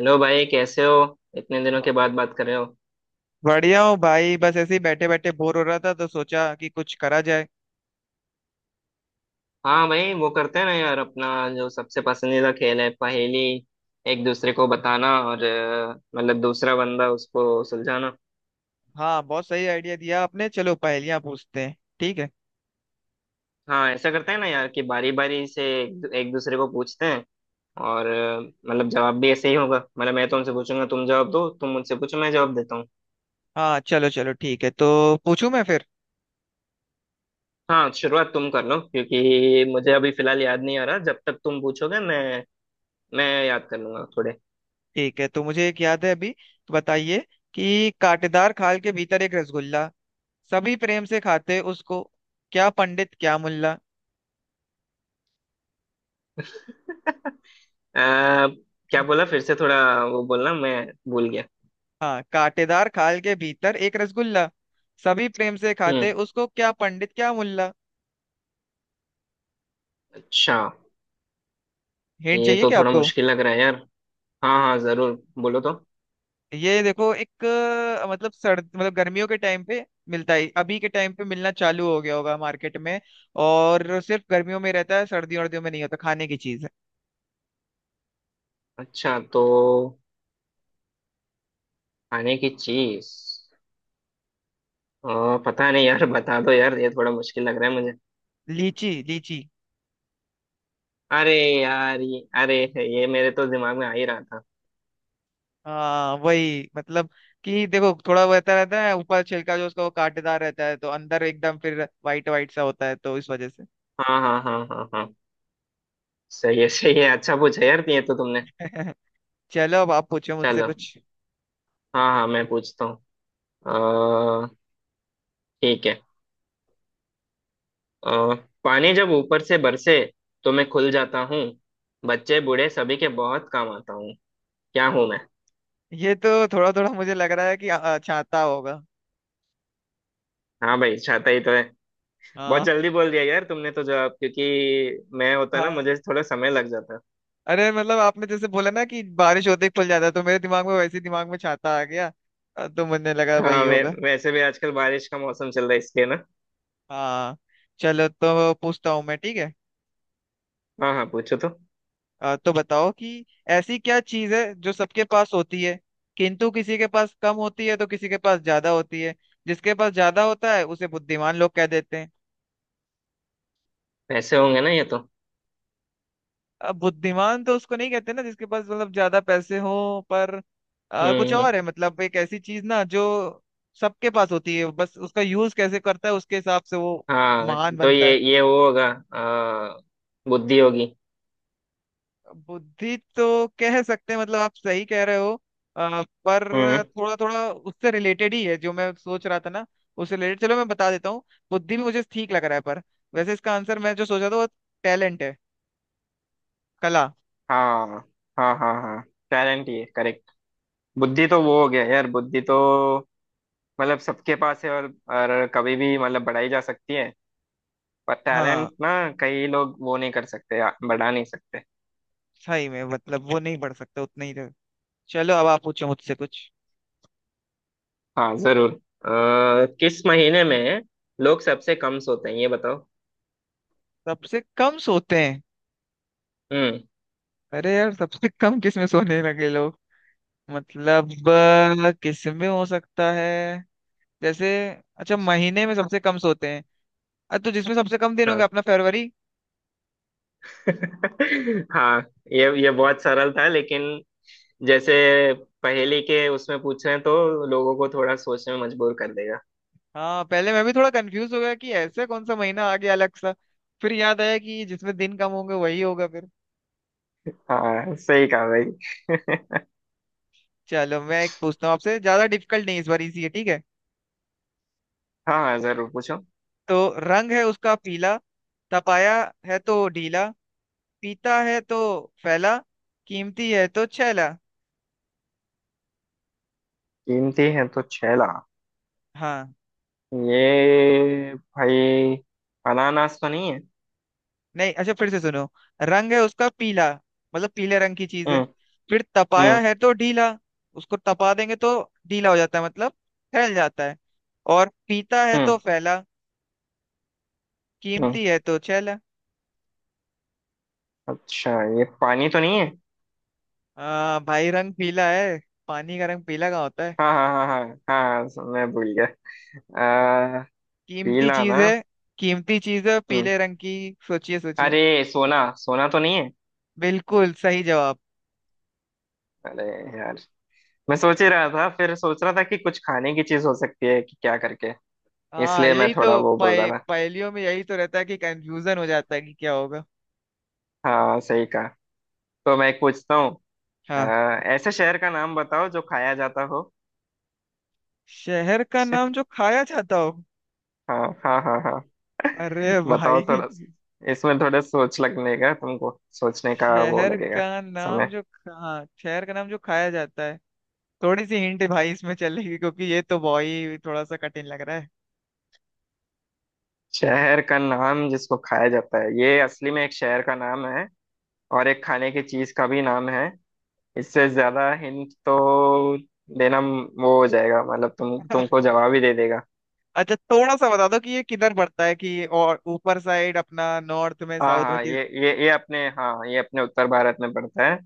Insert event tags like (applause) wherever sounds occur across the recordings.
Hello भाई कैसे हो। इतने दिनों ब- के बाद बात कर रहे हो। बढ़िया हूँ भाई। बस ऐसे ही बैठे बैठे बोर हो रहा था तो सोचा कि कुछ करा जाए। हाँ भाई वो करते हैं ना यार अपना जो सबसे पसंदीदा खेल है पहेली। एक दूसरे को बताना और मतलब दूसरा बंदा उसको सुलझाना। हाँ, बहुत सही आइडिया दिया आपने। चलो, पहेलियाँ पूछते हैं, ठीक है। हाँ ऐसा करते हैं ना यार कि बारी बारी से एक दूसरे को पूछते हैं। और मतलब जवाब भी ऐसे ही होगा। मतलब मैं तुमसे पूछूंगा तुम जवाब दो, तुम मुझसे पूछो मैं जवाब देता हूँ। हाँ, चलो चलो, ठीक है, तो पूछूं मैं फिर। हाँ शुरुआत तुम कर लो, क्योंकि मुझे अभी फिलहाल याद नहीं आ रहा। जब तक तुम पूछोगे मैं याद कर लूंगा थोड़े। ठीक है, तो मुझे एक याद है अभी, तो बताइए कि कांटेदार खाल के भीतर एक रसगुल्ला, सभी प्रेम से खाते उसको, क्या पंडित क्या मुल्ला। (laughs) आ, क्या बोला (laughs) फिर से थोड़ा। वो बोलना मैं भूल गया। हाँ, कांटेदार खाल के भीतर एक रसगुल्ला, सभी प्रेम से हम्म। खाते उसको, क्या पंडित क्या मुल्ला। अच्छा। हिंट ये चाहिए तो क्या थोड़ा आपको? मुश्किल लग रहा है यार। हाँ हाँ जरूर, बोलो तो। ये देखो, एक मतलब सर्द, मतलब गर्मियों के टाइम पे मिलता है। अभी के टाइम पे मिलना चालू हो गया होगा मार्केट में, और सिर्फ गर्मियों में रहता है, सर्दियों वर्दियों में नहीं होता। खाने की चीज है। अच्छा, तो खाने की चीज। पता नहीं यार। (laughs) बता दो यार, ये थोड़ा मुश्किल लग रहा है मुझे। लीची, लीची। अरे यार, ये अरे, ये मेरे तो दिमाग में आ ही रहा था। हाँ, वही मतलब, कि देखो थोड़ा वहता रहता है ऊपर छिलका जो उसका, वो कांटेदार रहता है, तो अंदर एकदम फिर वाइट वाइट सा होता है तो इस वजह से। हाँ हाँ हाँ हाँ हाँ, सही है सही है। अच्छा पूछा यार ये तो तुमने। (laughs) चलो, अब आप पूछो मुझसे चलो, कुछ। हाँ हाँ मैं पूछता हूँ। अ, ठीक है। अ, पानी जब ऊपर से बरसे तो मैं खुल जाता हूँ। बच्चे बूढ़े सभी के बहुत काम आता हूँ। क्या हूँ मैं? ये तो थोड़ा थोड़ा मुझे लग रहा है कि छाता होगा। हाँ भाई, छाता ही तो है। बहुत जल्दी बोल दिया यार तुमने तो जवाब। क्योंकि मैं होता ना, हाँ। मुझे थोड़ा समय लग जाता। अरे, मतलब आपने जैसे बोला ना कि बारिश होते ही खुल जाता है, तो मेरे दिमाग में वैसे ही दिमाग में छाता आ गया। तो मुझे लगा हाँ वही होगा। वैसे भी आजकल बारिश का मौसम चल रहा है इसलिए ना। हाँ, चलो तो पूछता हूँ मैं, ठीक है। हाँ हाँ, पूछो तो। तो बताओ कि ऐसी क्या चीज है जो सबके पास होती है, किंतु किसी के पास कम होती है तो किसी के पास ज्यादा होती है, जिसके पास ज्यादा होता है उसे बुद्धिमान लोग कह देते हैं। वैसे होंगे ना ये तो। अब बुद्धिमान तो उसको नहीं कहते ना, जिसके पास मतलब ज्यादा पैसे हो, पर कुछ हम्म। और है, मतलब एक ऐसी चीज ना जो सबके पास होती है, बस उसका यूज कैसे करता है उसके हिसाब से वो हाँ, महान तो बनता है। ये वो होगा। अ, बुद्धि होगी। बुद्धि तो कह सकते हैं, मतलब आप सही कह रहे हो, पर हम्म। थोड़ा थोड़ा उससे रिलेटेड ही है जो मैं सोच रहा था ना। उससे रिलेटेड, चलो मैं बता देता हूँ। बुद्धि भी मुझे ठीक लग रहा है, पर वैसे इसका आंसर मैं जो सोचा था वो टैलेंट है, कला। हाँ हाँ हाँ हाँ, टैलेंट, ये करेक्ट। बुद्धि तो वो हो गया यार, बुद्धि तो मतलब सबके पास है, और कभी भी मतलब बढ़ाई जा सकती है। पर हाँ, टैलेंट ना, कई लोग वो नहीं कर सकते या बढ़ा नहीं सकते। सही में मतलब वो नहीं बढ़ सकता उतना ही। चलो, अब आप पूछो मुझसे कुछ। हाँ जरूर। किस महीने में लोग सबसे कम सोते हैं ये बताओ। सबसे कम सोते हैं? हम्म। अरे यार, सबसे कम किसमें सोने लगे लोग? मतलब किसमें हो सकता है? जैसे, अच्छा, महीने में सबसे कम सोते हैं। अरे, तो जिसमें सबसे कम दिन हो गया हाँ। अपना, फरवरी। (laughs) हाँ, ये बहुत सरल था, लेकिन जैसे पहेली के उसमें पूछ रहे हैं तो लोगों को थोड़ा सोचने में मजबूर कर देगा। हाँ, पहले मैं भी थोड़ा कंफ्यूज हो गया कि ऐसे कौन सा महीना आ गया अलग सा, फिर याद आया कि जिसमें दिन कम होंगे वही होगा फिर। हाँ सही कहा भाई। चलो, मैं एक पूछता हूँ आपसे, ज्यादा डिफिकल्ट नहीं, इस बार इजी है, ठीक है। हाँ हाँ, जरूर पूछो। तो, रंग है उसका पीला, तपाया है तो ढीला, पीता है तो फैला, कीमती है तो छैला। कीमती है तो 6 लाख? हाँ। ये भाई, अनानास तो नहीं है? नहीं, अच्छा, फिर से सुनो। रंग है उसका पीला, मतलब पीले रंग की चीज है। हम्म फिर तपाया हम्म है तो ढीला, उसको तपा देंगे तो ढीला हो जाता है, मतलब फैल जाता है। और पीता है हम्म तो फैला, हम्म। कीमती है तो छैला। अच्छा, ये पानी तो नहीं है? भाई रंग पीला है, पानी का रंग पीला कहाँ होता है? हाँ हाँ हाँ हाँ हाँ, मैं भूल गया। आ, कीमती पीला ना। चीज है, कीमती चीज है हम्म। पीले रंग की। सोचिए सोचिए। अरे सोना, सोना तो नहीं है? बिल्कुल सही जवाब। अरे यार, मैं सोच ही रहा था। फिर सोच रहा था कि कुछ खाने की चीज हो सकती है कि क्या करके। हाँ, इसलिए मैं यही थोड़ा तो वो बोल रहा था। पहेलियों में यही तो रहता है कि कंफ्यूजन हो जाता है कि क्या होगा। हाँ सही कहा। तो मैं एक पूछता हूँ। हाँ। आ, ऐसे शहर का नाम बताओ जो खाया जाता हो। शहर का नाम (laughs) जो खाया जाता हो? हाँ हाँ हाँ हाँ, अरे बताओ भाई, थोड़ा। इसमें थोड़ा सोच लगेगा, तुमको सोचने का वो शहर लगेगा का नाम समय। जो हाँ, शहर का नाम जो खाया जाता है। थोड़ी सी हिंट भाई इसमें चलेगी, क्योंकि ये तो भाई थोड़ा सा कठिन लग रहा है। शहर का नाम जिसको खाया जाता है, ये असली में एक शहर का नाम है और एक खाने की चीज का भी नाम है। इससे ज्यादा हिंट तो देना वो हो जाएगा, मतलब तुमको (laughs) जवाब ही दे देगा। अच्छा, थोड़ा सा बता दो कि ये किधर पड़ता है, कि और ऊपर साइड अपना, नॉर्थ में, हाँ साउथ में हाँ, कि ये अपने, हाँ ये अपने उत्तर भारत में पड़ता है।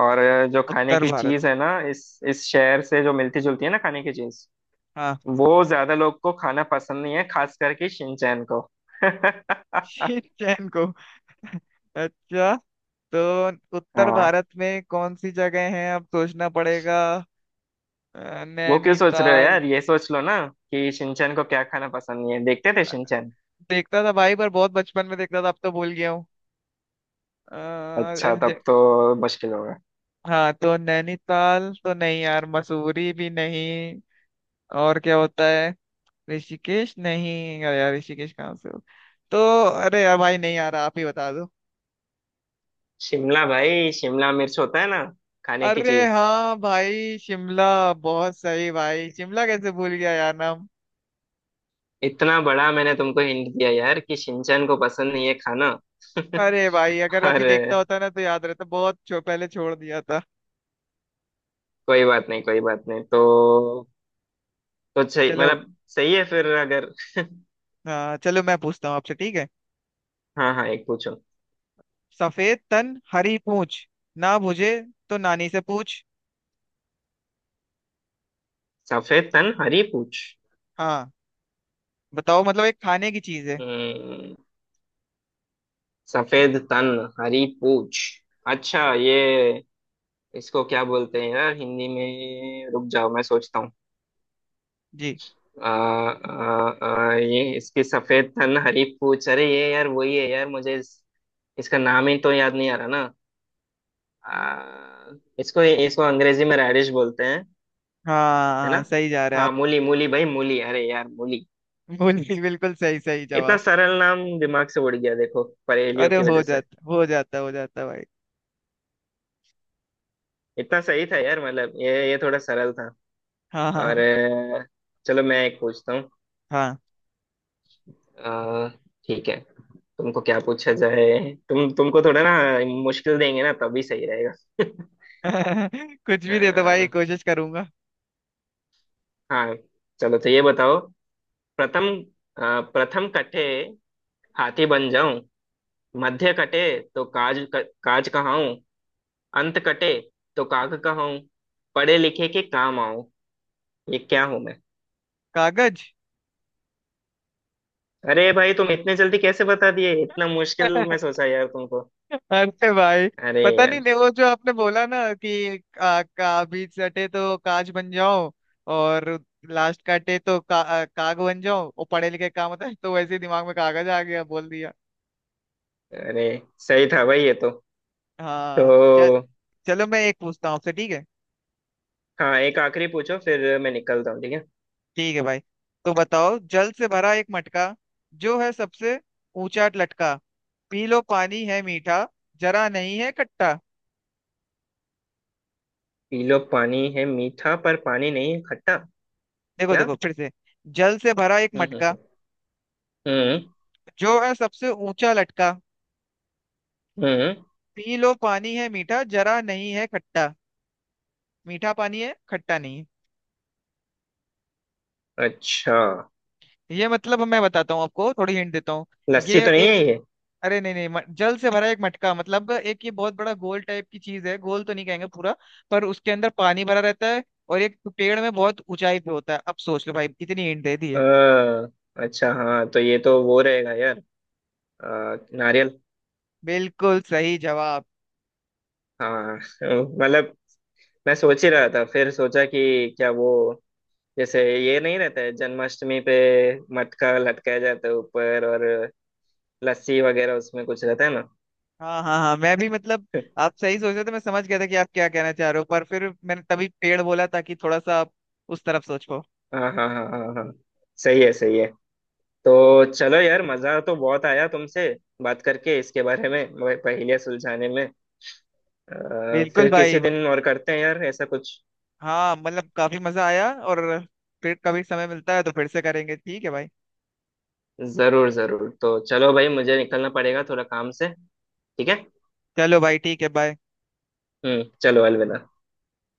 और जो खाने उत्तर की भारत चीज में? है ना इस शहर से जो मिलती जुलती है ना खाने की चीज, हाँ। वो ज्यादा लोग को खाना पसंद नहीं है, खास करके शिनचैन को। (laughs) (laughs) शिट चैन को? अच्छा। तो उत्तर हाँ, भारत में कौन सी जगह हैं, अब सोचना पड़ेगा। वो क्यों सोच रहे हो नैनीताल? यार। ये सोच लो ना कि शिनचैन को क्या खाना पसंद नहीं है। देखते थे शिनचैन। देखता था भाई, पर बहुत बचपन में देखता था, अब तो भूल गया हूँ। अ, अच्छा, ऐसे ज- तब तो मुश्किल होगा। हाँ तो नैनीताल तो नहीं यार, मसूरी भी नहीं, और क्या होता है? ऋषिकेश? नहीं, अरे यार ऋषिकेश कहाँ से हो। तो, अरे यार भाई, नहीं यार, आप ही बता दो। शिमला भाई, शिमला मिर्च होता है ना, खाने की अरे चीज। हाँ भाई, शिमला! बहुत सही भाई, शिमला कैसे भूल गया यार नाम। इतना बड़ा मैंने तुमको हिंट दिया यार कि शिनचैन को पसंद नहीं है खाना। अरे भाई, अगर (laughs) और अभी देखता होता ना तो याद रहता। बहुत पहले छोड़ दिया था। कोई बात नहीं, कोई बात नहीं। तो तो सही, चलो, मतलब सही है फिर अगर। चलो मैं पूछता हूँ आपसे, ठीक है। हाँ हाँ, एक पूछो। सफेद तन हरी पूछ, ना बुझे तो नानी से पूछ। सफेद तन हरी पूछ। हाँ, बताओ, मतलब एक खाने की चीज है। हम्म, सफेद तन हरी पूछ। अच्छा, ये इसको क्या बोलते हैं यार हिंदी में, रुक जाओ मैं सोचता हूँ। जी। आ, आ, आ, ये इसकी सफेद तन हरी पूछ। अरे ये यार वही है यार, इसका नाम ही तो याद नहीं आ रहा ना। आ, इसको इसको अंग्रेजी में रेडिश बोलते हैं, है ना। हाँ, सही जा रहे हैं हाँ आप। मूली, मूली भाई, मूली, अरे यार मूली। (laughs) बिल्कुल बिल्कुल सही, सही इतना जवाब। सरल नाम दिमाग से उड़ गया, देखो पहेलियों अरे, की हो वजह से। जाता, हो जाता, हो जाता भाई। इतना सही था यार, मतलब ये थोड़ा सरल था। हाँ और हाँ चलो मैं एक पूछता हूँ। हाँ। अ, ठीक है, तुमको क्या पूछा जाए। तुम तुमको थोड़ा ना मुश्किल देंगे ना तभी सही रहेगा। (laughs) (laughs) कुछ भी दे दो भाई, अ, कोशिश करूंगा। हाँ चलो, तो ये बताओ। प्रथम प्रथम कटे हाथी बन जाऊं, मध्य कटे तो काज कहाऊं, अंत कटे तो काग कहाऊं, पढ़े लिखे के काम आऊं। ये क्या हूं मैं? कागज। अरे भाई, तुम इतने जल्दी कैसे बता दिए? इतना मुश्किल मैं (laughs) सोचा यार तुमको। अरे भाई, अरे पता नहीं, यार नहीं, वो जो आपने बोला ना कि का बीच सटे तो काज बन जाओ, और लास्ट काटे तो काग बन जाओ, वो पढ़े लिखे काम होता है, तो वैसे ही दिमाग में कागज आ गया, बोल दिया। अरे, सही था भाई ये तो। हाँ चल। तो चलो मैं एक पूछता हूँ आपसे, ठीक है। हाँ, एक आखिरी पूछो, फिर मैं निकलता हूँ, ठीक है। ठीक है भाई। तो बताओ, जल से भरा एक मटका, जो है सबसे ऊंचा लटका, पी लो पानी है मीठा, जरा नहीं है खट्टा। पी लो पानी है मीठा, पर पानी नहीं है खट्टा। देखो क्या? देखो फिर से। जल से भरा एक हम्म हम्म मटका, हम्म जो है सबसे ऊंचा लटका, हम्म। पी लो पानी है मीठा, जरा नहीं है खट्टा। मीठा पानी है, खट्टा नहीं अच्छा, है ये, मतलब मैं बताता हूँ आपको, थोड़ी हिंट देता हूँ। लस्सी ये तो नहीं एक, है ये? अरे नहीं नहीं जल से भरा एक मटका, मतलब एक ये बहुत बड़ा गोल टाइप की चीज है, गोल तो नहीं कहेंगे पूरा, पर उसके अंदर पानी भरा रहता है, और एक पेड़ में बहुत ऊंचाई पे होता है। अब सोच लो भाई, इतनी हिंट दे दी है। अ, अच्छा हाँ, तो ये तो वो रहेगा यार, नारियल। बिल्कुल सही जवाब। हाँ मतलब मैं सोच ही रहा था, फिर सोचा कि क्या वो जैसे ये नहीं रहता है जन्माष्टमी पे मटका लटकाया जाता है ऊपर, और लस्सी वगैरह उसमें कुछ रहता है ना। हाँ हाँ हाँ, मैं भी मतलब, (laughs) आप सही सोच रहे थे, मैं समझ गया था कि आप क्या कहना चाह रहे हो, पर फिर मैंने तभी पेड़ बोला ताकि थोड़ा सा आप उस तरफ सोच पाओ। हाँ हाँ हाँ हाँ हाँ, सही है सही है। तो चलो यार, मजा तो बहुत आया तुमसे बात करके इसके बारे में, वह पहेलियाँ सुलझाने में। बिल्कुल फिर किसी भाई। दिन और करते हैं यार ऐसा कुछ। हाँ, मतलब काफी मजा आया, और फिर कभी समय मिलता है तो फिर से करेंगे, ठीक है भाई। जरूर जरूर। तो चलो भाई, मुझे निकलना पड़ेगा थोड़ा काम से, ठीक है। चलो भाई, ठीक है, बाय। चलो, अलविदा।